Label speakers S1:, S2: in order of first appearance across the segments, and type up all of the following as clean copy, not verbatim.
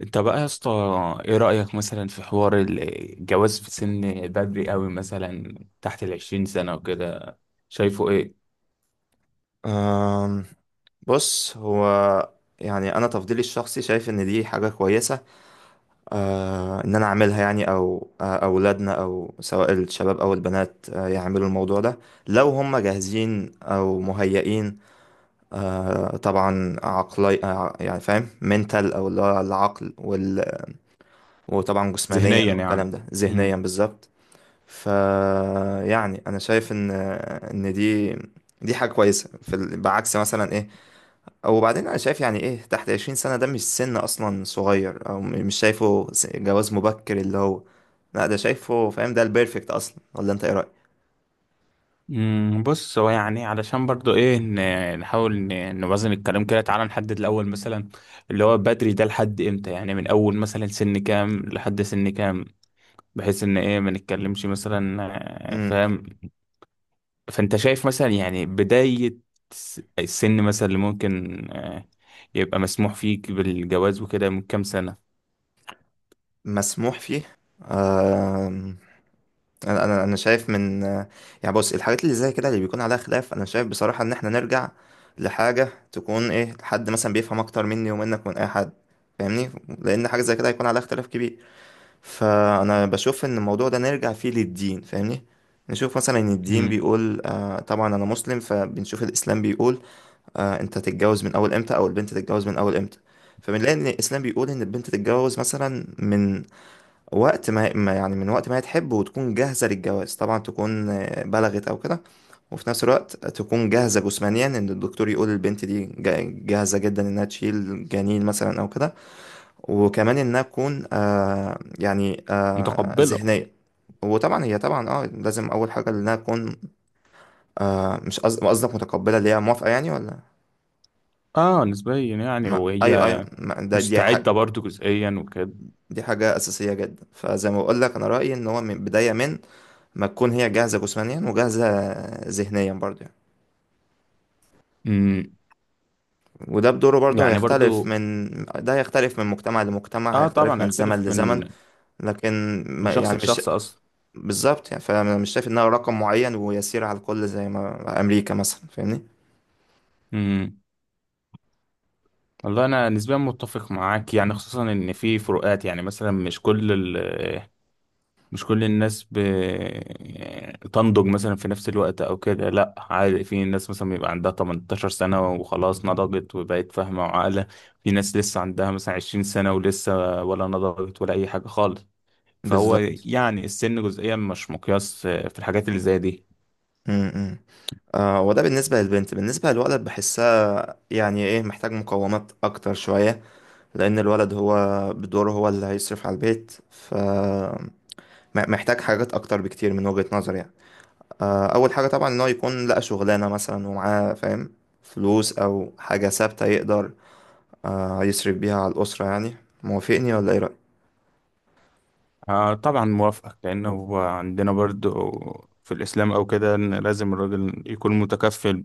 S1: انت بقى يا اسطى، ايه رأيك مثلا في حوار الجواز في سن بدري قوي مثلا؟ تحت العشرين سنة وكده، شايفه ايه؟
S2: أم، بص، هو يعني انا تفضيلي الشخصي شايف ان دي حاجه كويسه. ان انا اعملها، يعني، او اولادنا، او سواء الشباب او البنات، يعملوا الموضوع ده لو هم جاهزين او مهيئين. طبعا عقلي، يعني فاهم، منتال، او اللي هو العقل وطبعا جسمانيا
S1: ذهنيا
S2: والكلام
S1: يعني.
S2: ده ذهنيا
S1: مم.
S2: بالظبط. ف يعني انا شايف ان دي حاجه كويسه في بعكس مثلا، ايه. وبعدين انا شايف، يعني، ايه، تحت 20 سنة ده مش سن اصلا صغير، او مش شايفه جواز مبكر اللي هو. لا، ده شايفه، فاهم، ده البيرفكت اصلا، ولا انت ايه رأيك؟
S1: مم، بص هو يعني علشان برضو ايه نحاول نوازن الكلام كده. تعالى نحدد الاول مثلا اللي هو بدري ده لحد امتى، يعني من اول مثلا سن كام لحد سن كام، بحيث ان ايه ما نتكلمش مثلا.
S2: امم
S1: فاهم. فانت شايف مثلا يعني بداية السن مثلا اللي ممكن يبقى مسموح فيك بالجواز وكده من كام سنة؟
S2: مسموح فيه. آم، انا شايف من. يعني، بص، الحاجات اللي زي كده اللي بيكون عليها خلاف، انا شايف بصراحة ان احنا نرجع لحاجة، تكون، ايه، حد مثلا بيفهم اكتر مني ومنك، من اي حد. فاهمني؟ لان حاجة زي كده هيكون عليها اختلاف كبير. فانا بشوف ان الموضوع ده نرجع فيه للدين. فاهمني؟ نشوف مثلا ان الدين
S1: مم.
S2: بيقول، طبعا انا مسلم، فبنشوف الاسلام بيقول. انت تتجوز من اول امتى، او البنت تتجوز من اول امتى. فبنلاقي ان الاسلام بيقول ان البنت تتجوز مثلا من وقت ما يعني من وقت ما هي تحب وتكون جاهزة للجواز، طبعا تكون بلغت او كده. وفي نفس الوقت تكون جاهزة جسمانيا، ان الدكتور يقول البنت دي جاهزة جدا انها تشيل جنين مثلا او كده. وكمان انها تكون يعني
S1: متقبلة.
S2: ذهنيه. وطبعا هي طبعا، لازم اول حاجه انها تكون. مش قصدك متقبله، اللي هي موافقه، يعني، ولا؟
S1: اه نسبيا يعني،
S2: ما ايوه، ايوه،
S1: وهي
S2: ما ده
S1: مستعدة برضو جزئيا وكده.
S2: دي حاجه اساسيه جدا. فزي ما بقول لك، انا رايي ان هو من بدايه ما تكون هي جاهزه جسمانيا وجاهزه ذهنيا، برضه يعني.
S1: مم.
S2: وده بدوره برضه
S1: يعني برضو
S2: هيختلف من مجتمع لمجتمع،
S1: اه
S2: هيختلف
S1: طبعا
S2: من زمن
S1: هيختلف
S2: لزمن.
S1: من
S2: لكن
S1: من
S2: ما
S1: شخص
S2: يعني مش
S1: لشخص اصلا.
S2: بالظبط. يعني، فانا مش شايف انها رقم معين ويسير على الكل زي ما امريكا مثلا. فاهمني؟
S1: مم. والله انا نسبيا متفق معاك يعني، خصوصا ان في فروقات. يعني مثلا مش كل الناس تنضج مثلا في نفس الوقت او كده. لا عادي، في ناس مثلا بيبقى عندها 18 سنة وخلاص نضجت وبقت فاهمة وعاقلة، في ناس لسه عندها مثلا 20 سنة ولسه ولا نضجت ولا اي حاجة خالص. فهو
S2: بالظبط.
S1: يعني السن جزئيا مش مقياس في الحاجات اللي زي دي.
S2: امم وده بالنسبه للبنت. بالنسبه للولد بحسها، يعني، ايه، محتاج مقومات اكتر شويه. لان الولد هو بدوره، هو اللي هيصرف على البيت. محتاج حاجات اكتر بكتير من وجهه نظري، يعني. اول حاجه طبعا ان هو يكون لقى شغلانه مثلا، ومعاه، فاهم، فلوس او حاجه ثابته يقدر يصرف بيها على الاسره، يعني. موافقني ولا ايه رايك؟
S1: طبعا موافقك، لأن هو عندنا برضو في الإسلام أو كده إن لازم الراجل يكون متكفل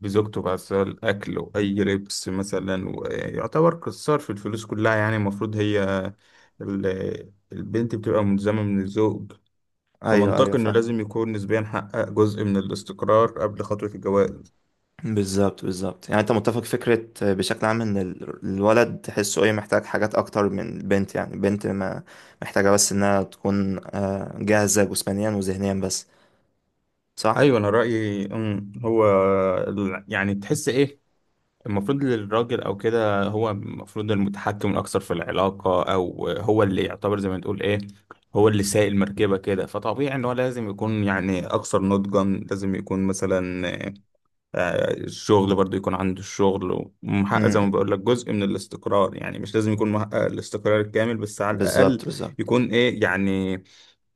S1: بزوجته بقى، سواء الأكل وأي لبس مثلا، ويعتبر قصار في الفلوس كلها. يعني المفروض هي البنت بتبقى ملزمة من الزوج.
S2: ايوه، ايوه،
S1: فمنطقي إنه
S2: فاهم.
S1: لازم يكون نسبيا حقق جزء من الاستقرار قبل خطوة الجواز.
S2: بالظبط، بالظبط. يعني، انت متفق، فكرة، بشكل عام، ان الولد تحسه، ايه، محتاج حاجات اكتر من البنت. يعني البنت ما محتاجة بس انها تكون، جاهزة جسمانيا وذهنيا بس. صح؟
S1: أيوة، أنا رأيي هو يعني تحس إيه المفروض للراجل او كده. هو المفروض المتحكم الاكثر في العلاقه، او هو اللي يعتبر زي ما تقول ايه، هو اللي سايق المركبه كده. فطبيعي ان هو لازم يكون يعني اكثر نضجا، لازم يكون مثلا الشغل برضو، يكون عنده الشغل
S2: م-
S1: ومحقق زي ما
S2: م.
S1: بقول لك جزء من الاستقرار. يعني مش لازم يكون محقق الاستقرار الكامل، بس على الاقل
S2: بالظبط، بالظبط.
S1: يكون ايه يعني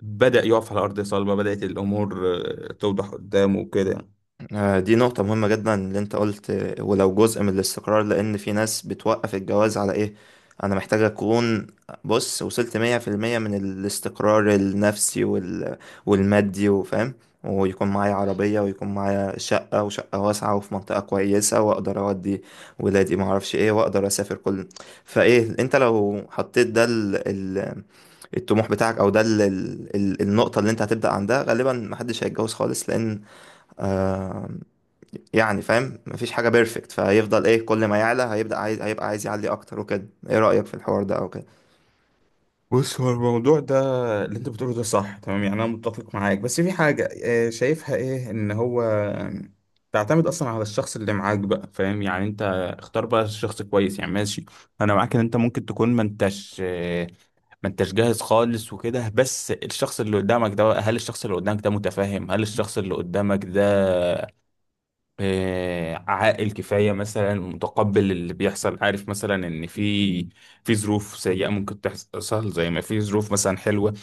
S1: بدأ يقف على ارض صلبه، بدأت الامور توضح قدامه وكده.
S2: دي نقطة مهمة جدا اللي انت قلت، ولو جزء من الاستقرار، لأن في ناس بتوقف الجواز على، ايه، أنا محتاج أكون، بص، وصلت مية في المية من الاستقرار النفسي والمادي، وفاهم، ويكون معايا عربية، ويكون معايا شقة، وشقة واسعة وفي منطقة كويسة، وأقدر أودي ولادي، معرفش ايه، وأقدر أسافر كل. فايه، انت لو حطيت ده الطموح بتاعك، أو ده النقطة اللي انت هتبدأ عندها، غالبا محدش هيتجوز خالص. لأن، آه، يعني، فاهم، مفيش حاجة بيرفكت، فهيفضل، ايه، كل ما يعلى هيبدأ عايز، هيبقى عايز يعلي اكتر وكده. ايه رأيك في الحوار ده او كده؟
S1: بص هو الموضوع ده اللي انت بتقوله ده صح تمام، يعني انا متفق معاك. بس في حاجة شايفها ايه، ان هو تعتمد اصلا على الشخص اللي معاك بقى، فاهم؟ يعني انت اختار بقى الشخص كويس يعني، ماشي. انا معاك ان انت ممكن تكون ما انتش جاهز خالص وكده، بس الشخص اللي قدامك ده بقى، هل الشخص اللي قدامك ده متفاهم؟ هل الشخص اللي قدامك ده عاقل كفاية مثلا، متقبل اللي بيحصل، عارف مثلا ان في ظروف سيئة ممكن تحصل زي ما في ظروف مثلا حلوة.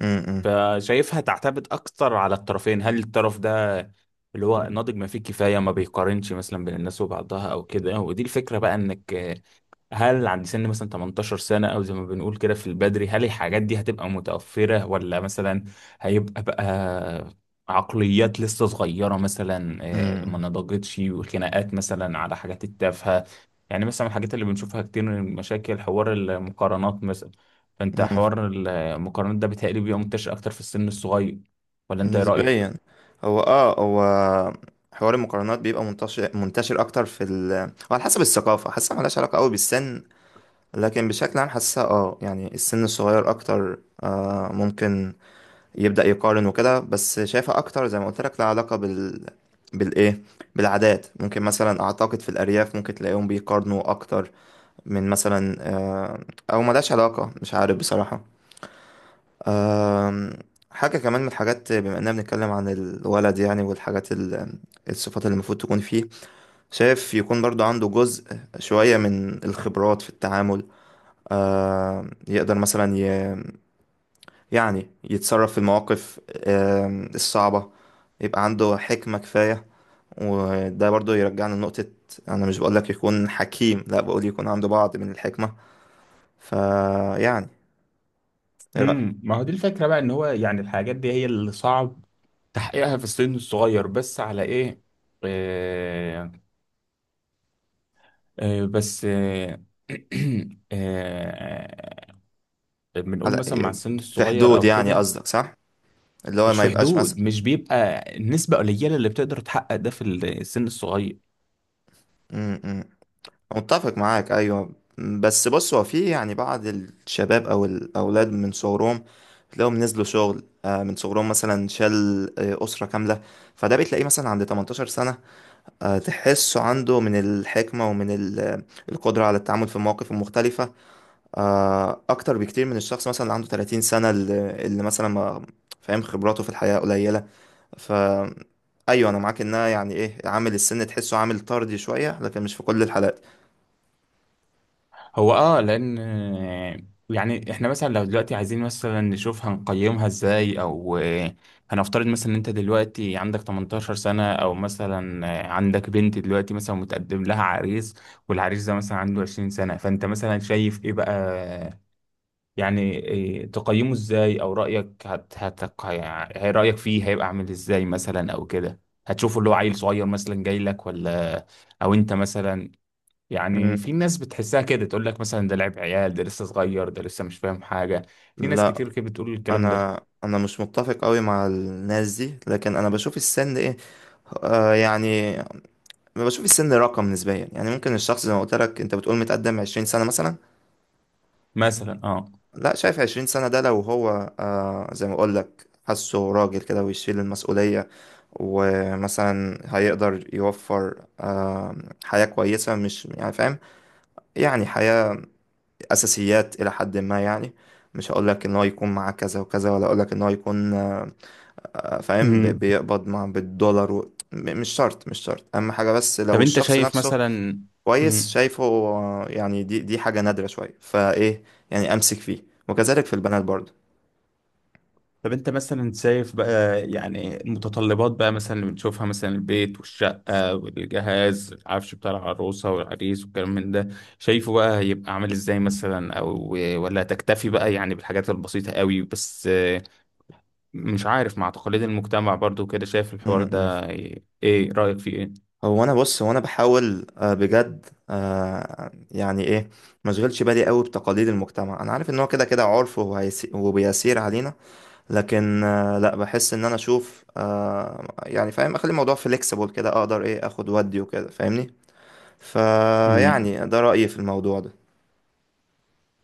S2: امم. امم.
S1: فشايفها تعتمد اكتر على الطرفين، هل الطرف ده اللي هو ناضج ما فيه كفاية، ما بيقارنش مثلا بين الناس وبعضها او كده. ودي الفكرة بقى، انك هل عند سن مثلا 18 سنة، أو زي ما بنقول كده في البدري، هل الحاجات دي هتبقى متوفرة، ولا مثلا هيبقى بقى عقليات لسه صغيرة مثلا ما
S2: امم.
S1: نضجتش، وخناقات مثلا على حاجات التافهة. يعني مثلا الحاجات اللي بنشوفها كتير من مشاكل، حوار المقارنات مثلا. فأنت
S2: إمم.
S1: حوار المقارنات ده بيتهيألي بيبقى منتشر أكتر في السن الصغير، ولا
S2: إمم.
S1: أنت إيه رأيك؟
S2: نسبيا. هو حوار المقارنات بيبقى منتشر اكتر في وعلى حسب الثقافة، حاسة ملهاش علاقة قوي بالسن. لكن بشكل عام حاسة، يعني، السن الصغير اكتر ممكن يبدأ يقارن وكده. بس شايفة اكتر، زي ما قلت لك، لها علاقة بالايه بالعادات. ممكن مثلا، اعتقد في الارياف ممكن تلاقيهم بيقارنوا اكتر من مثلا، او ملهاش علاقة، مش عارف بصراحة. آم، حاجة كمان من الحاجات، بما اننا بنتكلم عن الولد، يعني، والحاجات الصفات اللي المفروض تكون فيه. شايف يكون برضو عنده جزء شوية من الخبرات في التعامل. يقدر مثلا يعني يتصرف في المواقف الصعبة. يبقى عنده حكمة كفاية. وده برضو يرجعنا لنقطة، أنا مش بقولك يكون حكيم، لا، بقول يكون عنده بعض من الحكمة. فيعني، ايه رأيك؟
S1: ما هو دي الفكرة بقى، إن هو يعني الحاجات دي هي اللي صعب تحقيقها في السن الصغير، بس على ايه آه بس آه بنقول
S2: على
S1: مثلا مع السن
S2: في
S1: الصغير
S2: حدود،
S1: او
S2: يعني
S1: كده،
S2: قصدك، صح؟ اللي هو
S1: مش
S2: ما
S1: في
S2: يبقاش مثلا.
S1: حدود، مش بيبقى النسبة قليلة اللي بتقدر تحقق ده في السن الصغير.
S2: م- م. متفق معاك، ايوه. بس، بص، هو في، يعني، بعض الشباب او الاولاد من صغرهم، تلاقيهم نزلوا شغل، من صغرهم مثلا، شال، اسره كامله. فده بتلاقيه مثلا عند 18 سنه، تحسه عنده من الحكمه ومن القدره على التعامل في المواقف المختلفه، اكتر بكتير من الشخص مثلا اللي عنده 30 سنه، اللي مثلا، ما فاهم، خبراته في الحياه قليله. ف ايوه، انا معاك، انها، يعني، ايه، عامل السن تحسه عامل طردي شويه، لكن مش في كل الحالات.
S1: هو لان يعني احنا مثلا لو دلوقتي عايزين مثلا نشوف هنقيمها ازاي او هنفترض مثلا ان انت دلوقتي عندك 18 سنة، او مثلا عندك بنت دلوقتي مثلا متقدم لها عريس، والعريس ده مثلا عنده 20 سنة، فانت مثلا شايف ايه بقى؟ يعني إيه تقيمه ازاي او رأيك يعني رأيك فيه هيبقى عامل ازاي مثلا او كده؟ هتشوفه اللي هو عيل صغير مثلا جاي لك، ولا او انت مثلا، يعني
S2: مم.
S1: في ناس بتحسها كده، تقول لك مثلا ده لعب عيال، ده لسه صغير، ده لسه مش فاهم حاجة. في ناس
S2: لا.
S1: كتير كده بتقول الكلام ده
S2: انا مش متفق قوي مع الناس دي، لكن انا بشوف السن، ايه، يعني، بشوف السن رقم نسبيا، يعني ممكن الشخص زي ما قلت لك، انت بتقول متقدم 20 سنه مثلا.
S1: مثلا. اه
S2: لا، شايف 20 سنه ده لو هو، زي ما اقول لك، حاسه راجل كده ويشيل المسؤوليه، ومثلا هيقدر يوفر، حياه كويسه، مش، يعني، فاهم، يعني، حياه، اساسيات الى حد ما، يعني. مش هقول لك ان هو يكون معاه كذا وكذا، ولا اقول لك ان هو يكون، فاهم،
S1: مم.
S2: بيقبض مع بالدولار مش شرط، مش شرط، اهم حاجه بس
S1: طب
S2: لو
S1: انت
S2: الشخص
S1: شايف
S2: نفسه
S1: مثلا.
S2: كويس.
S1: مم.
S2: شايفه، يعني، دي حاجه نادره شويه، فايه، يعني، امسك فيه، وكذلك في البنات برضه.
S1: طب انت مثلا شايف بقى يعني المتطلبات بقى، مثلا اللي بنشوفها مثلا، البيت والشقة والجهاز، العفش بتاع العروسة والعريس والكلام من ده، شايفه بقى هيبقى عامل ازاي مثلا، او ولا تكتفي بقى يعني بالحاجات البسيطة قوي بس؟ مش عارف، مع تقاليد المجتمع برضو كده، شايف
S2: م-
S1: الحوار
S2: م.
S1: ده ايه، ايه رأيك فيه؟
S2: هو انا، بص، هو انا بحاول، بجد، يعني، ايه، مشغلش بالي قوي بتقاليد المجتمع. انا عارف ان هو كده كده عرف، وبيسير علينا. لكن، لا، بحس ان انا اشوف، يعني، فاهم، اخلي الموضوع فليكسيبل كده، اقدر، ايه، اخد ودي وكده. فاهمني؟
S1: ايه؟
S2: فيعني، ده رأيي في الموضوع ده.